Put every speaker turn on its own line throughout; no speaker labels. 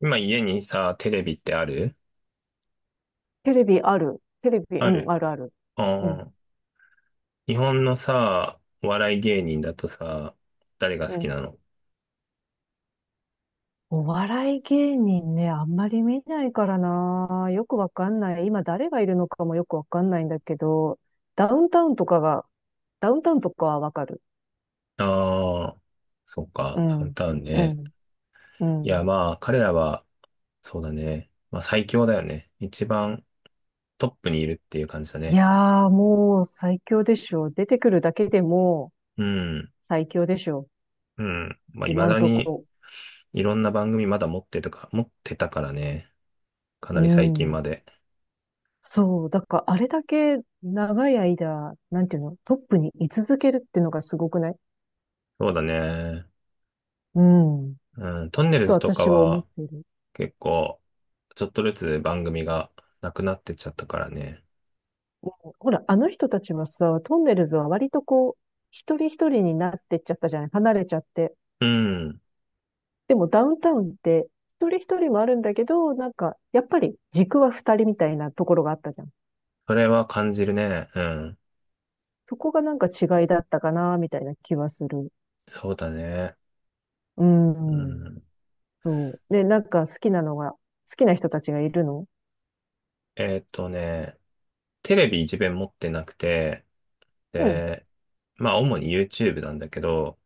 今家にさ、テレビってある？
テレビある。テレビ、
あ
う
る。
ん、あるある。うん、
ああ。日本のさ、お笑い芸人だとさ、誰が
う
好き
ん。
なの？
お笑い芸人ね、あんまり見ないからな。よくわかんない。今誰がいるのかもよくわかんないんだけど、ダウンタウンとかが、ダウンタウンとかはわかる。
ああ、そっ
う
か、ダウン
ん、
タウン
う
ね。
ん、う
いや、
ん。
まあ、彼らは、そうだね。まあ、最強だよね。一番トップにいるっていう感じだ
い
ね。
やー、もう最強でしょ。出てくるだけでも
うん、
最強でしょ。
うん。まあ、未
今ん
だ
と
に、
こ。
いろんな番組まだ持ってとか、持ってたからね。か
う
なり最近
ん。
まで。
そう。だから、あれだけ長い間、なんていうの、トップに居続けるっていうのがすごくない？
そうだね。
うん。
うん、トンネル
と
ズとか
私は思っ
は、
ている。
結構、ちょっとずつ番組がなくなってっちゃったからね。
ほら、あの人たちはさ、トンネルズは割とこう、一人一人になってっちゃったじゃない、離れちゃって。
うん。
でもダウンタウンって一人一人もあるんだけど、なんか、やっぱり軸は二人みたいなところがあったじゃん。
それは感じるね。うん。
そこがなんか違いだったかな、みたいな気はする。
そうだね。
う
う
ん。
ん。
そう。で、なんか好きな人たちがいるの？
えーっとね、テレビ一面持ってなくて、
うん、
で、まあ主に YouTube なんだけど、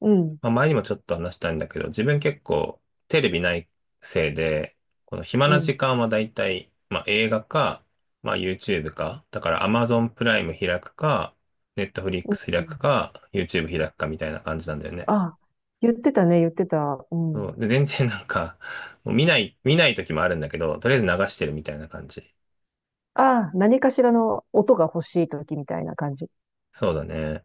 うん、
まあ、前にもちょっと話したんだけど、自分結構テレビないせいで、この暇
う
な時
ん、
間はだいたい、まあ、映画か、まあ、YouTube か、だから Amazon プライム開くか、
うん。
Netflix 開くか、YouTube 開くかみたいな感じなんだよね。
あ、言ってたね、言ってた。う
そ
ん。
う。で、全然 なんか、もう見ない、見ない時もあるんだけど、とりあえず流してるみたいな感じ。
ああ、何かしらの音が欲しい時みたいな感じ。
そうだね。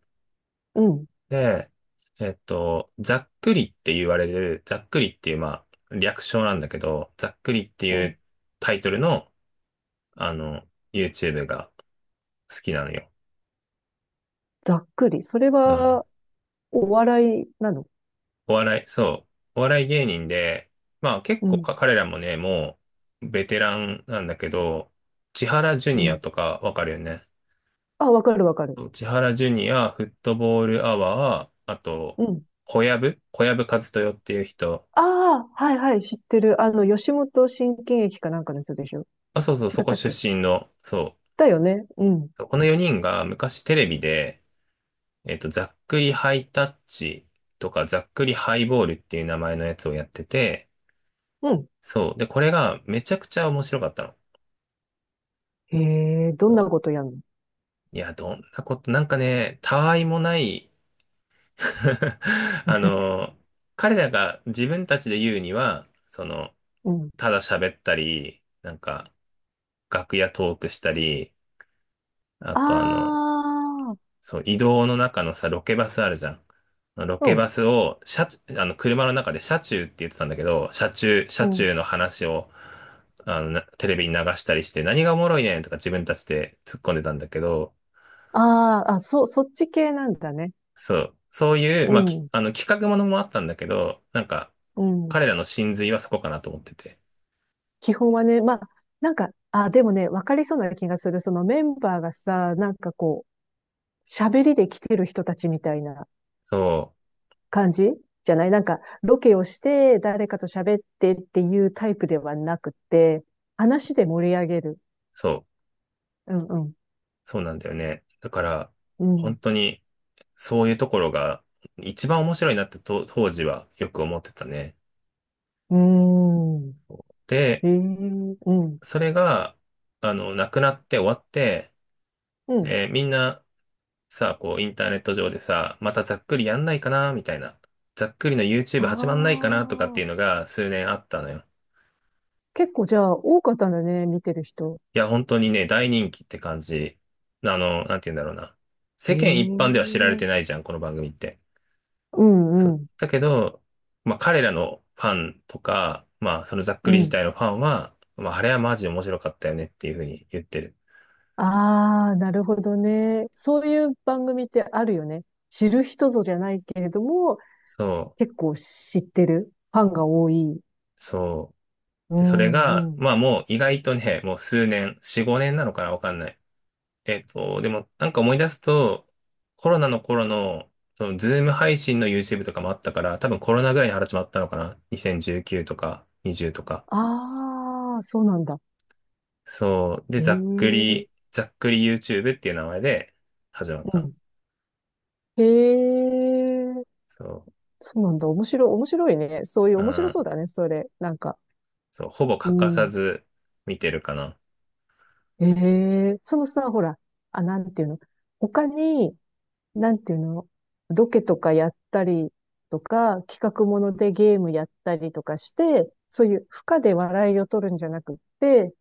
うん。
で、ざっくりっていう、まあ、略称なんだけど、ざっくりって
う
い
ん。
うタイトルのあの、YouTube が好きなのよ。
ざっくり。それ
そう、
は、お笑いなの？
お笑い、そう、お笑い芸人で、まあ結
う
構
ん。
か彼らもね、もうベテランなんだけど、千原ジュ
う
ニア
ん。
とかわかるよね。
あ、わかるわかる。
そう千原ジュニア、フットボールアワー、あと、
うん。
小籔和豊っていう人。
ああ、はいはい、知ってる。あの、吉本新喜劇かなんかの人でしょ？
あ、そうそう、
違
そ
っ
こ
たっ
出
け？
身の、そ
だよね。うん。
う。この4人が昔テレビで、ざっくりハイタッチとか、ざっくりハイボールっていう名前のやつをやってて、
うん。
そう。で、これがめちゃくちゃ面白かったの。
へえ、ど
そ
んな
う。
ことやんの？
いや、どんなこと、なんかね、たわいもない あの、彼らが自分たちで言うには、その、
うん。
ただ喋ったり、なんか、楽屋トークしたり、あと
ああ、
そう、移動の中のさ、ロケバスあるじゃん。ロ
う
ケ
ん。
バスを、車中、車の中で車中って言ってたんだけど、車中、
う
車中
ん。
の話を、なテレビに流したりして、何がおもろいねんとか自分たちで突っ込んでたんだけど、
ああ、あ、そっち系なんだね。
そう、そういう、
う
まあ、き、
ん。
あの、企画ものもあったんだけど、なんか、
うん。
彼らの真髄はそこかなと思ってて。
基本はね、まあ、なんか、あ、でもね、わかりそうな気がする。そのメンバーがさ、なんかこう、喋りで来てる人たちみたいな
そう、
感じじゃない？なんか、ロケをして誰かと喋ってっていうタイプではなくて、話で盛り上げる。
そう、
うんうん。
そうなんだよね。だから、
う
本当に、そういうところが、一番面白いなってと当時はよく思ってたね。
ん。うーん。
で、
ええ、うん。
それが、なくなって終わって、
うん。
みんなさあ、インターネット上でさ、またざっくりやんないかな、みたいな。ざっくりの YouTube 始まんない
あ
かな、とかっていうの
あ。
が数年あったのよ。
結構じゃあ多かったんだね、見てる人。
いや、本当にね、大人気って感じ。なんて言うんだろうな。世間一般で
ええ、
は知られてないじゃん、この番組って。
う
そ
んう
う。
ん。
だけど、まあ、彼らのファンとか、まあ、そのざっく
う
り自
ん。
体のファンは、まあ、あれはマジで面白かったよねっていうふうに言ってる。
ああ、なるほどね。そういう番組ってあるよね。知る人ぞじゃないけれども、
そう。
結構知ってる。ファンが多い。
そ
う
う。で、それ
ん、
が、
うん。
まあもう意外とね、もう数年、4、5年なのかなわかんない。でもなんか思い出すと、コロナの頃の、そのズーム配信の YouTube とかもあったから、多分コロナぐらいに始まったのかな？ 2019 とか20とか。
ああ、そうなんだ。
そう。で、
へえ、
ざっく
う
り、ざっくり YouTube っていう名前で始まった。
ん。へえ、
そ
そうなんだ。面白い、面白いね。そういう
う。う
面白そう
ん。
だね、それ。なんか。
そう。ほぼ
う
欠かさ
ん。
ず見てるかな。
へえ、そのさ、ほら、あ、なんていうの。他に、なんていうの、ロケとかやったりとか、企画ものでゲームやったりとかして、そういう負荷で笑いを取るんじゃなくって、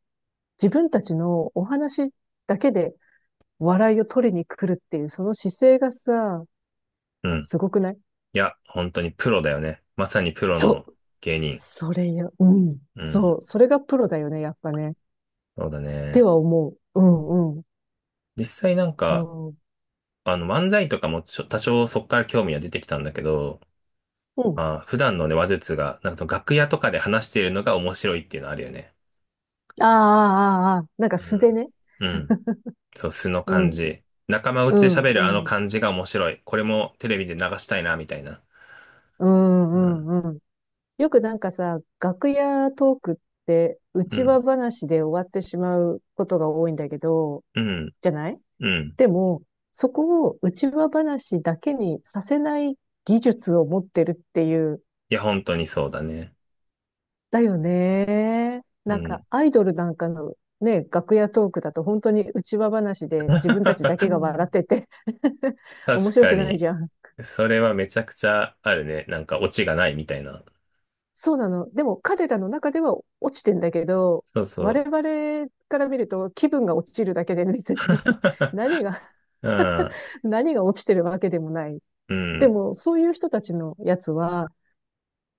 自分たちのお話だけで笑いを取りに来るっていう、その姿勢がさ、
うん。
すごくない？
いや、本当にプロだよね。まさにプロ
そ
の
う。
芸人。
それよ。うん。
うん。
そう。それがプロだよね、やっぱね。っ
そうだ
て
ね。
は思う。うんうん。
実際なんか、
そ
漫才とかも多少そこから興味は出てきたんだけど、
う。うん。
まあ、普段のね、話術が、なんかその楽屋とかで話しているのが面白いっていうのあるよね。
ああ、ああ、ああ。なんか
う
素で
ん。
ね。
うん。そう、素の
う
感
ん、
じ。仲間
う
内で
ん、
喋るあの
うん。
感じが面白い。これもテレビで流したいな、みたいな。
うん、
うん。
うん、うん。よくなんかさ、楽屋トークって、う
う
ち
ん。
わ話で終わってしまうことが多いんだけど、
うん。
じゃない？
うん。
でも、そこを内輪話だけにさせない技術を持ってるっていう、
いや、本当にそうだね。
だよね。
う
なんか、
ん。
アイドルなんかのね、楽屋トークだと本当に内輪話で自分たちだけ が笑ってて 面
確
白
か
くない
に。
じゃん。
それはめちゃくちゃあるね。なんかオチがないみたいな。
そうなの。でも彼らの中では落ちてんだけど、
そうそ
我
う。
々から見ると気分が落ちるだけで別に 何が、
うん。
何が落ちてるわけでもない。
う
で
ん。
も、そういう人たちのやつは、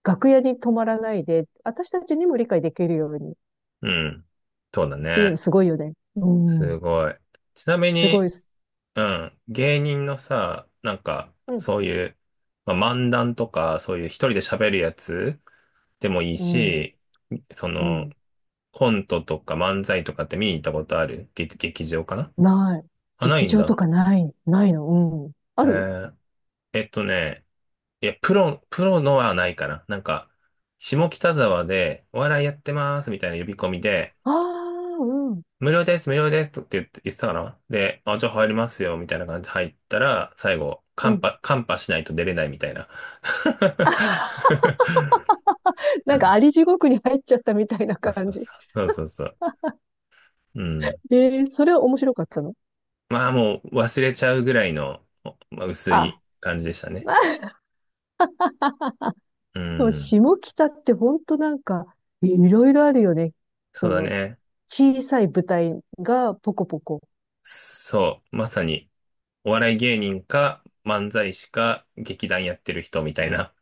楽屋に泊まらないで、私たちにも理解できるようにっ
うん。そうだ
ていうの
ね。
すごいよね。うん。
すごい。ちなみ
すご
に、
いっす。
うん。芸人のさ、なんか、
うん。
そういう、まあ、漫談とか、そういう一人で喋るやつでもいい
うん。
し、そ
う
の、
ん。
コントとか漫才とかって見に行ったことある？劇場かな？
ない。
あ、な
劇
いん
場と
だ。
かない。ないの。うん。あ
え
る。
ーね、いや、プロのはないかな。なんか、下北沢でお笑いやってますみたいな呼び込みで、
ああー、うん。
無料です、無料ですとって言ってたかなで、あ、じゃあ入りますよ、みたいな感じで入ったら、最後、
うん。
カンパしないと出れないみたいな。う
なんか
ん。
あり地獄に入っちゃったみたいな
そう
感
そう
じ。
そう。そうそうそう。うん。
ええ、それは面白かったの？
まあもう忘れちゃうぐらいの、まあ、薄
あ、
い感じでしたね。
まあ、
う
でも
ん。
下北って本当なんか、いろいろあるよね。
そ
そ
うだ
の、
ね。
小さい舞台がポコポコ。
そう。まさに、お笑い芸人か、漫才師か、劇団やってる人みたいな。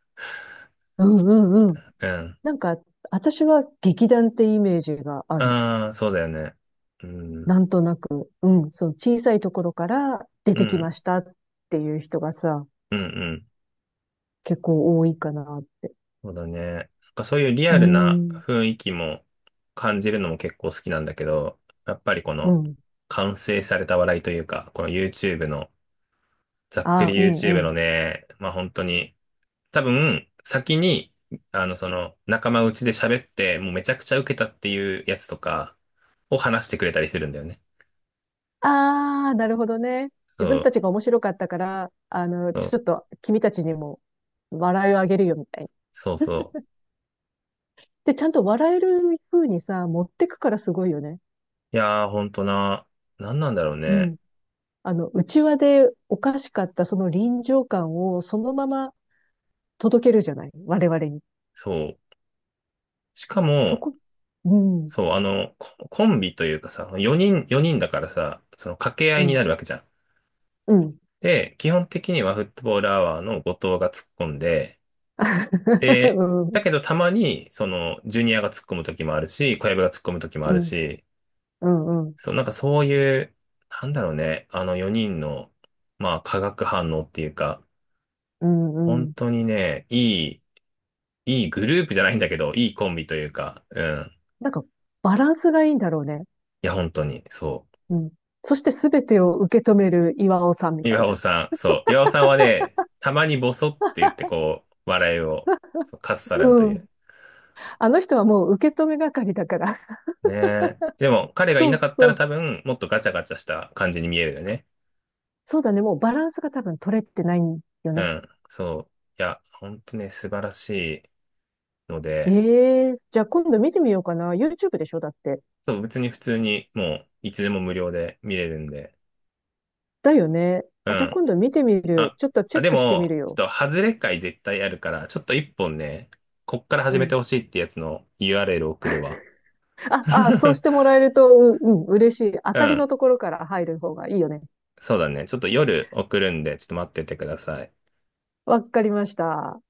うんうんうん。
うん。
なんか、私は劇団ってイメージがある。
ああ、そうだよね。う
な
ん。
んとなく、うん、その小さいところから出
う
てきま
ん。
したっていう人がさ、
うんうん、
結構多いかなって。
そうだね。なんかそういうリ
うー
アルな
ん、
雰囲気も感じるのも結構好きなんだけど、やっぱりこ
う
の
ん。
完成された笑いというか、この YouTube の、ざっく
あ、
り
うん
YouTube
うん。
のね、まあ本当に、多分先に、その仲間内で喋って、もうめちゃくちゃ受けたっていうやつとかを話してくれたりするんだよね。
あー、なるほどね。自
そ
分た
う、
ちが面白かったから、あの、
そ
ち
う、
ょっと君たちにも笑いをあげるよみたいな。
そうそ
で、ちゃんと笑える風にさ、持ってくからすごいよね。
う。いやー、本当な、なんなんだろう
う
ね。
ん。あの、内輪でおかしかったその臨場感をそのまま届けるじゃない、我々に。
そう。しか
そ
も、
こ、うん、
そう、コンビというかさ、4人だからさ、その掛け合
う
いに
ん、
なるわけじゃん。
うん。
で、基本的にはフットボールアワーの後藤が突っ込んで、で、だ けどたまに、その、ジュニアが突っ込む時もあるし、小籔が突っ込む時もあ
う
る
ん、
し、
うん、うん、うん、
そう、なんかそういう、なんだろうね、あの4人の、まあ、化学反応っていうか、
うん、う
本
ん。
当にね、いいグループじゃないんだけど、いいコンビというか、うん。
なんか、バランスがいいんだろうね。
いや、本当に、そう。
うん。そしてすべてを受け止める岩尾さんみたい
岩尾
な。
さん、そう。岩尾さんはね、たまにボソって言って笑いを、そう、かっさらうと
う
い
ん。
う。
あの人はもう受け止め係だから。
ねえ。でも、彼がい
そ
なか
う
った
そ
ら
う。
多分、もっとガチャガチャした感じに見えるよね。
そうだね。もうバランスが多分取れてないんよ
う
ね。
ん。そう。いや、ほんとね、素晴らしいの
え
で、
えー、じゃあ今度見てみようかな。YouTube でしょ？だって。
そう、別に普通にもう、いつでも無料で見れるんで。
だよね。
う
あ、じゃあ
ん。
今度見てみる。
あ、
ちょっとチ
あ、
ェッ
で
クしてみ
も、
る
ち
よ。
ょっと、外れ回絶対あるから、ちょっと一本ね、こっから
う
始めて
ん。
ほしいってやつの URL 送るわ。
あ、そ うしてもらえると、うん、嬉しい。当
う
たりの
ん。
ところから入る方がいいよね。
そうだね。ちょっと夜送るんで、ちょっと待っててください。
わかりました。